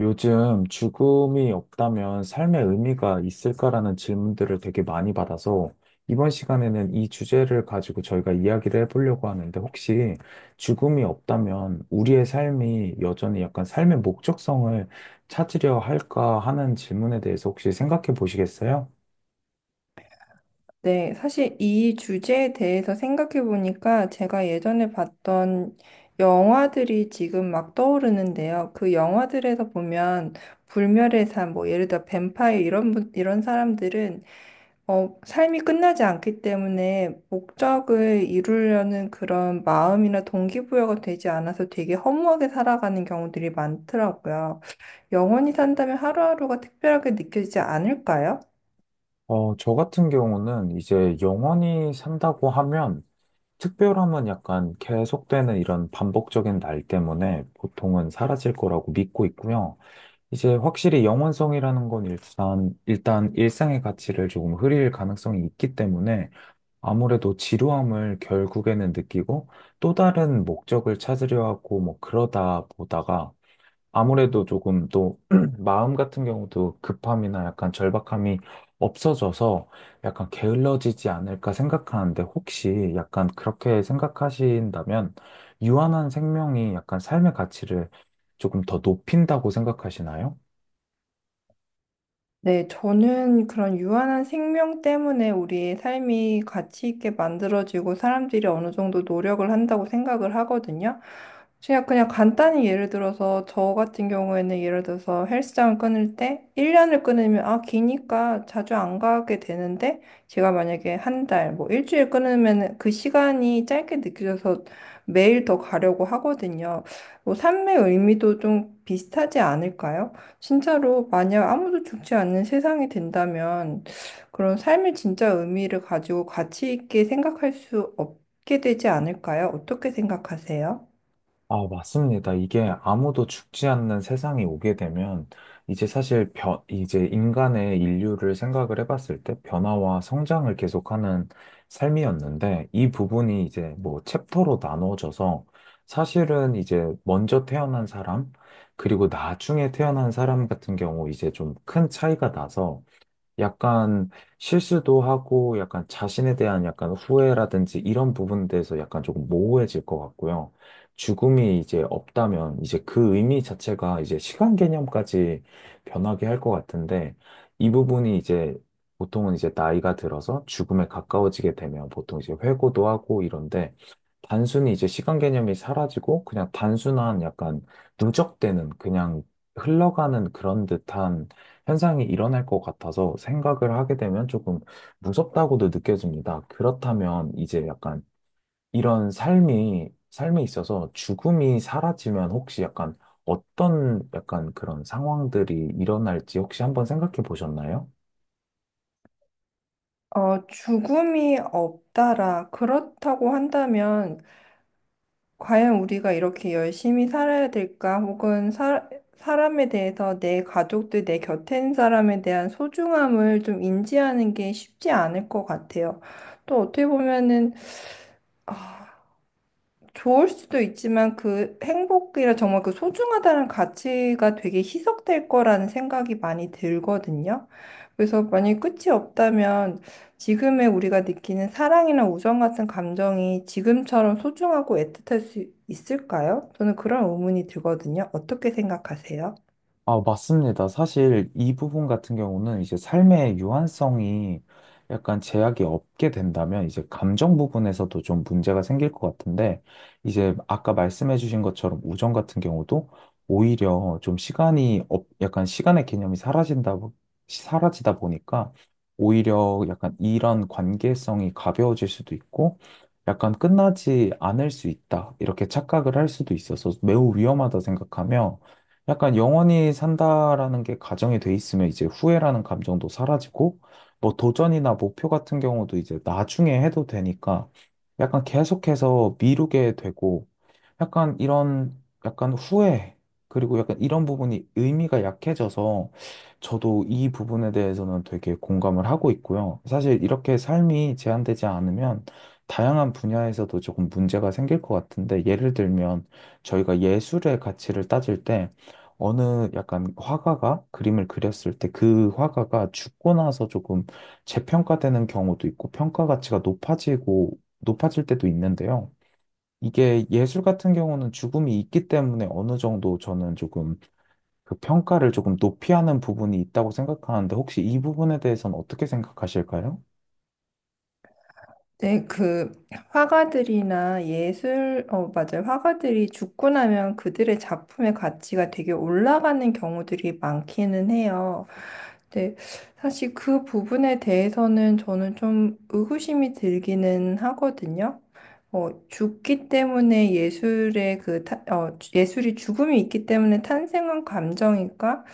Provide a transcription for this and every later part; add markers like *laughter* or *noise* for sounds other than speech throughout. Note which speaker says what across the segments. Speaker 1: 요즘 죽음이 없다면 삶의 의미가 있을까라는 질문들을 되게 많이 받아서 이번 시간에는 이 주제를 가지고 저희가 이야기를 해보려고 하는데, 혹시 죽음이 없다면 우리의 삶이 여전히 약간 삶의 목적성을 찾으려 할까 하는 질문에 대해서 혹시 생각해 보시겠어요?
Speaker 2: 네, 사실 이 주제에 대해서 생각해 보니까 제가 예전에 봤던 영화들이 지금 막 떠오르는데요. 그 영화들에서 보면 불멸의 삶, 뭐 예를 들어 뱀파이어 이런 사람들은 삶이 끝나지 않기 때문에 목적을 이루려는 그런 마음이나 동기부여가 되지 않아서 되게 허무하게 살아가는 경우들이 많더라고요. 영원히 산다면 하루하루가 특별하게 느껴지지 않을까요?
Speaker 1: 저 같은 경우는 이제 영원히 산다고 하면 특별함은 약간 계속되는 이런 반복적인 날 때문에 보통은 사라질 거라고 믿고 있고요. 이제 확실히 영원성이라는 건 일단 일상의 가치를 조금 흐릴 가능성이 있기 때문에 아무래도 지루함을 결국에는 느끼고 또 다른 목적을 찾으려 하고, 뭐 그러다 보다가 아무래도 조금 또 *clears throat* 마음 같은 경우도 급함이나 약간 절박함이 없어져서 약간 게을러지지 않을까 생각하는데, 혹시 약간 그렇게 생각하신다면 유한한 생명이 약간 삶의 가치를 조금 더 높인다고 생각하시나요?
Speaker 2: 네, 저는 그런 유한한 생명 때문에 우리의 삶이 가치 있게 만들어지고 사람들이 어느 정도 노력을 한다고 생각을 하거든요. 그냥 간단히 예를 들어서 저 같은 경우에는 예를 들어서 헬스장을 끊을 때 1년을 끊으면 아, 기니까 자주 안 가게 되는데 제가 만약에 한 달, 뭐 일주일 끊으면 그 시간이 짧게 느껴져서 매일 더 가려고 하거든요. 뭐 삶의 의미도 좀 비슷하지 않을까요? 진짜로 만약 아무도 죽지 않는 세상이 된다면 그런 삶의 진짜 의미를 가지고 가치 있게 생각할 수 없게 되지 않을까요? 어떻게 생각하세요?
Speaker 1: 아, 맞습니다. 이게 아무도 죽지 않는 세상이 오게 되면 이제 사실 이제 인간의 인류를 생각을 해봤을 때 변화와 성장을 계속하는 삶이었는데, 이 부분이 이제 뭐 챕터로 나누어져서 사실은 이제 먼저 태어난 사람 그리고 나중에 태어난 사람 같은 경우 이제 좀 큰 차이가 나서 약간 실수도 하고 약간 자신에 대한 약간 후회라든지 이런 부분에 대해서 약간 조금 모호해질 것 같고요. 죽음이 이제 없다면 이제 그 의미 자체가 이제 시간 개념까지 변하게 할 것 같은데, 이 부분이 이제 보통은 이제 나이가 들어서 죽음에 가까워지게 되면 보통 이제 회고도 하고 이런데, 단순히 이제 시간 개념이 사라지고 그냥 단순한 약간 누적되는 그냥 흘러가는 그런 듯한 현상이 일어날 것 같아서 생각을 하게 되면 조금 무섭다고도 느껴집니다. 그렇다면 이제 약간 이런 삶에 있어서 죽음이 사라지면 혹시 약간 어떤 약간 그런 상황들이 일어날지 혹시 한번 생각해 보셨나요?
Speaker 2: 죽음이 없다라 그렇다고 한다면 과연 우리가 이렇게 열심히 살아야 될까? 혹은 사람에 대해서 내 가족들, 내 곁에 있는 사람에 대한 소중함을 좀 인지하는 게 쉽지 않을 것 같아요. 또 어떻게 보면은 아, 좋을 수도 있지만 그 행복이라 정말 그 소중하다는 가치가 되게 희석될 거라는 생각이 많이 들거든요. 그래서 만약에 끝이 없다면 지금의 우리가 느끼는 사랑이나 우정 같은 감정이 지금처럼 소중하고 애틋할 수 있을까요? 저는 그런 의문이 들거든요. 어떻게 생각하세요?
Speaker 1: 아, 맞습니다. 사실 이 부분 같은 경우는 이제 삶의 유한성이 약간 제약이 없게 된다면 이제 감정 부분에서도 좀 문제가 생길 것 같은데, 이제 아까 말씀해 주신 것처럼 우정 같은 경우도 오히려 좀 약간 시간의 개념이 사라진다, 사라지다 보니까 오히려 약간 이런 관계성이 가벼워질 수도 있고 약간 끝나지 않을 수 있다. 이렇게 착각을 할 수도 있어서 매우 위험하다 생각하며, 약간 영원히 산다라는 게 가정이 돼 있으면 이제 후회라는 감정도 사라지고 뭐 도전이나 목표 같은 경우도 이제 나중에 해도 되니까 약간 계속해서 미루게 되고 약간 이런 약간 후회 그리고 약간 이런 부분이 의미가 약해져서 저도 이 부분에 대해서는 되게 공감을 하고 있고요. 사실 이렇게 삶이 제한되지 않으면 다양한 분야에서도 조금 문제가 생길 것 같은데, 예를 들면 저희가 예술의 가치를 따질 때 어느 약간 화가가 그림을 그렸을 때 그 화가가 죽고 나서 조금 재평가되는 경우도 있고 평가 가치가 높아지고 높아질 때도 있는데요. 이게 예술 같은 경우는 죽음이 있기 때문에 어느 정도 저는 조금 그 평가를 조금 높이 하는 부분이 있다고 생각하는데, 혹시 이 부분에 대해서는 어떻게 생각하실까요?
Speaker 2: 네, 그 화가들이나 예술, 어, 맞아요. 화가들이 죽고 나면 그들의 작품의 가치가 되게 올라가는 경우들이 많기는 해요. 근데 사실 그 부분에 대해서는 저는 좀 의구심이 들기는 하거든요. 죽기 때문에 예술의 그, 타- 어, 예술이 죽음이 있기 때문에 탄생한 감정일까?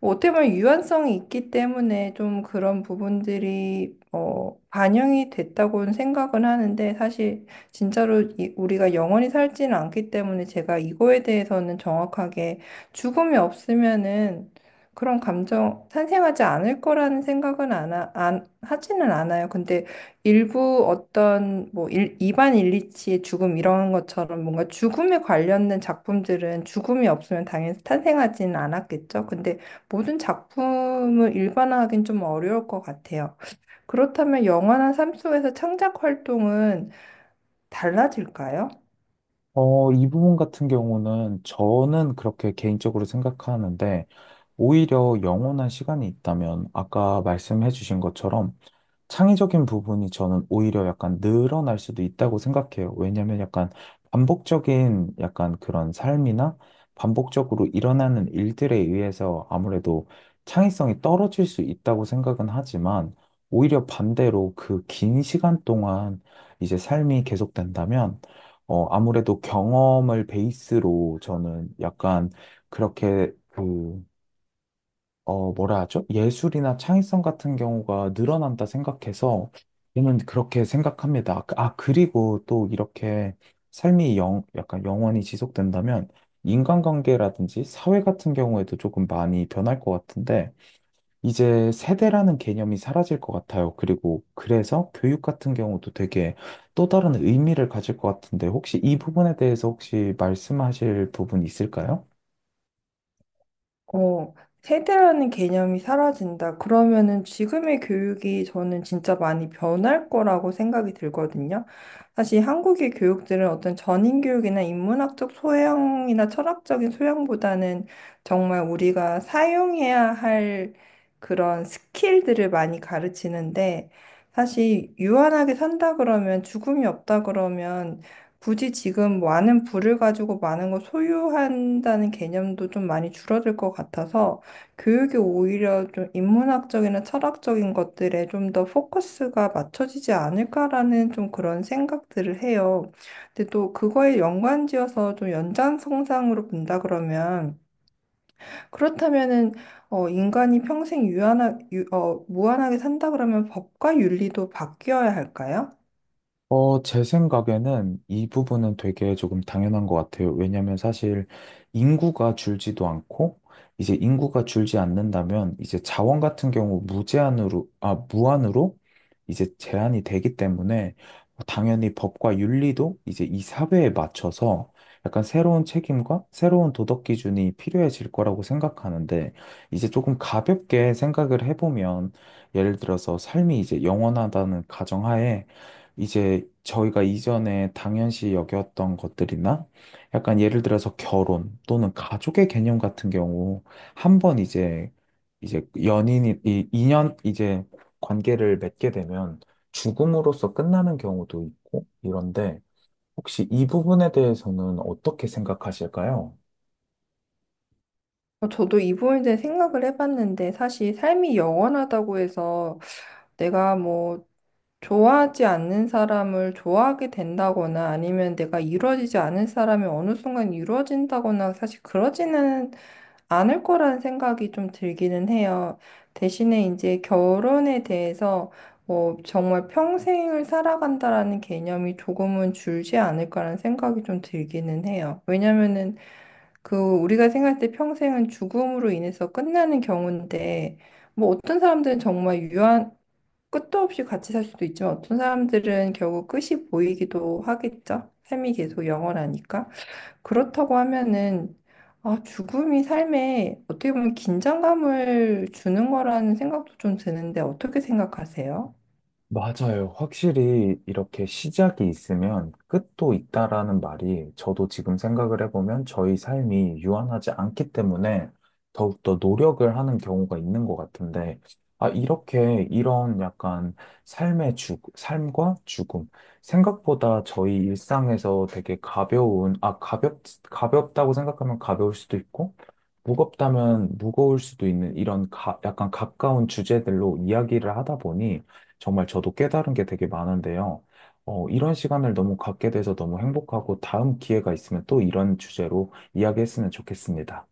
Speaker 2: 뭐 어떻게 보면 유연성이 있기 때문에 좀 그런 부분들이 반영이 됐다고는 생각은 하는데 사실 진짜로 우리가 영원히 살지는 않기 때문에 제가 이거에 대해서는 정확하게 죽음이 없으면은 그런 감정 탄생하지 않을 거라는 생각은 안 하지는 않아요. 근데 일부 어떤 뭐 이반 일리치의 죽음 이런 것처럼 뭔가 죽음에 관련된 작품들은 죽음이 없으면 당연히 탄생하지는 않았겠죠. 근데 모든 작품을 일반화하긴 좀 어려울 것 같아요. 그렇다면 영화나 삶 속에서 창작 활동은 달라질까요?
Speaker 1: 이 부분 같은 경우는 저는 그렇게 개인적으로 생각하는데, 오히려 영원한 시간이 있다면 아까 말씀해 주신 것처럼 창의적인 부분이 저는 오히려 약간 늘어날 수도 있다고 생각해요. 왜냐면 약간 반복적인 약간 그런 삶이나 반복적으로 일어나는 일들에 의해서 아무래도 창의성이 떨어질 수 있다고 생각은 하지만, 오히려 반대로 그 긴 시간 동안 이제 삶이 계속된다면, 어, 아무래도 경험을 베이스로 저는 약간 그렇게 그 뭐라 하죠? 예술이나 창의성 같은 경우가 늘어난다 생각해서 저는 그렇게 생각합니다. 아, 아, 그리고 또 이렇게 삶이 약간 영원히 지속된다면 인간관계라든지 사회 같은 경우에도 조금 많이 변할 것 같은데, 이제 세대라는 개념이 사라질 것 같아요. 그리고 그래서 교육 같은 경우도 되게 또 다른 의미를 가질 것 같은데, 혹시 이 부분에 대해서 혹시 말씀하실 부분 있을까요?
Speaker 2: 어, 세대라는 개념이 사라진다. 그러면은 지금의 교육이 저는 진짜 많이 변할 거라고 생각이 들거든요. 사실 한국의 교육들은 어떤 전인 교육이나 인문학적 소양이나 철학적인 소양보다는 정말 우리가 사용해야 할 그런 스킬들을 많이 가르치는데 사실 유한하게 산다 그러면 죽음이 없다 그러면 굳이 지금 많은 부를 가지고 많은 걸 소유한다는 개념도 좀 많이 줄어들 것 같아서 교육이 오히려 좀 인문학적이나 철학적인 것들에 좀 더 포커스가 맞춰지지 않을까라는 좀 그런 생각들을 해요. 근데 또 그거에 연관지어서 좀 연장선상으로 본다 그러면 그렇다면은 인간이 평생 무한하게 산다 그러면 법과 윤리도 바뀌어야 할까요?
Speaker 1: 제 생각에는 이 부분은 되게 조금 당연한 것 같아요. 왜냐면 사실 인구가 줄지도 않고, 이제 인구가 줄지 않는다면, 이제 자원 같은 경우 무제한으로, 아, 무한으로 이제 제한이 되기 때문에, 당연히 법과 윤리도 이제 이 사회에 맞춰서 약간 새로운 책임과 새로운 도덕 기준이 필요해질 거라고 생각하는데, 이제 조금 가볍게 생각을 해보면, 예를 들어서 삶이 이제 영원하다는 가정하에 이제 저희가 이전에 당연시 여겼던 것들이나 약간 예를 들어서 결혼 또는 가족의 개념 같은 경우, 한 번 이제 연인이 이 인연 이제 관계를 맺게 되면 죽음으로써 끝나는 경우도 있고 이런데, 혹시 이 부분에 대해서는 어떻게 생각하실까요?
Speaker 2: 저도 이 부분에 대해 생각을 해봤는데 사실 삶이 영원하다고 해서 내가 뭐 좋아하지 않는 사람을 좋아하게 된다거나 아니면 내가 이루어지지 않은 사람이 어느 순간 이루어진다거나 사실 그러지는 않을 거라는 생각이 좀 들기는 해요. 대신에 이제 결혼에 대해서 뭐 정말 평생을 살아간다라는 개념이 조금은 줄지 않을까라는 생각이 좀 들기는 해요. 왜냐면은 그 우리가 생각할 때 평생은 죽음으로 인해서 끝나는 경우인데 뭐 어떤 사람들은 정말 유한 끝도 없이 같이 살 수도 있지만 어떤 사람들은 결국 끝이 보이기도 하겠죠. 삶이 계속 영원하니까. 그렇다고 하면은 아, 죽음이 삶에 어떻게 보면 긴장감을 주는 거라는 생각도 좀 드는데 어떻게 생각하세요?
Speaker 1: 맞아요. 확실히 이렇게 시작이 있으면 끝도 있다라는 말이, 저도 지금 생각을 해보면 저희 삶이 유한하지 않기 때문에 더욱더 노력을 하는 경우가 있는 것 같은데, 아, 이렇게 이런 약간 삶의 삶과 죽음. 생각보다 저희 일상에서 되게 가벼운, 아, 가볍다고 생각하면 가벼울 수도 있고, 무겁다면 무거울 수도 있는 이런 약간 가까운 주제들로 이야기를 하다 보니, 정말 저도 깨달은 게 되게 많은데요. 이런 시간을 너무 갖게 돼서 너무 행복하고, 다음 기회가 있으면 또 이런 주제로 이야기했으면 좋겠습니다.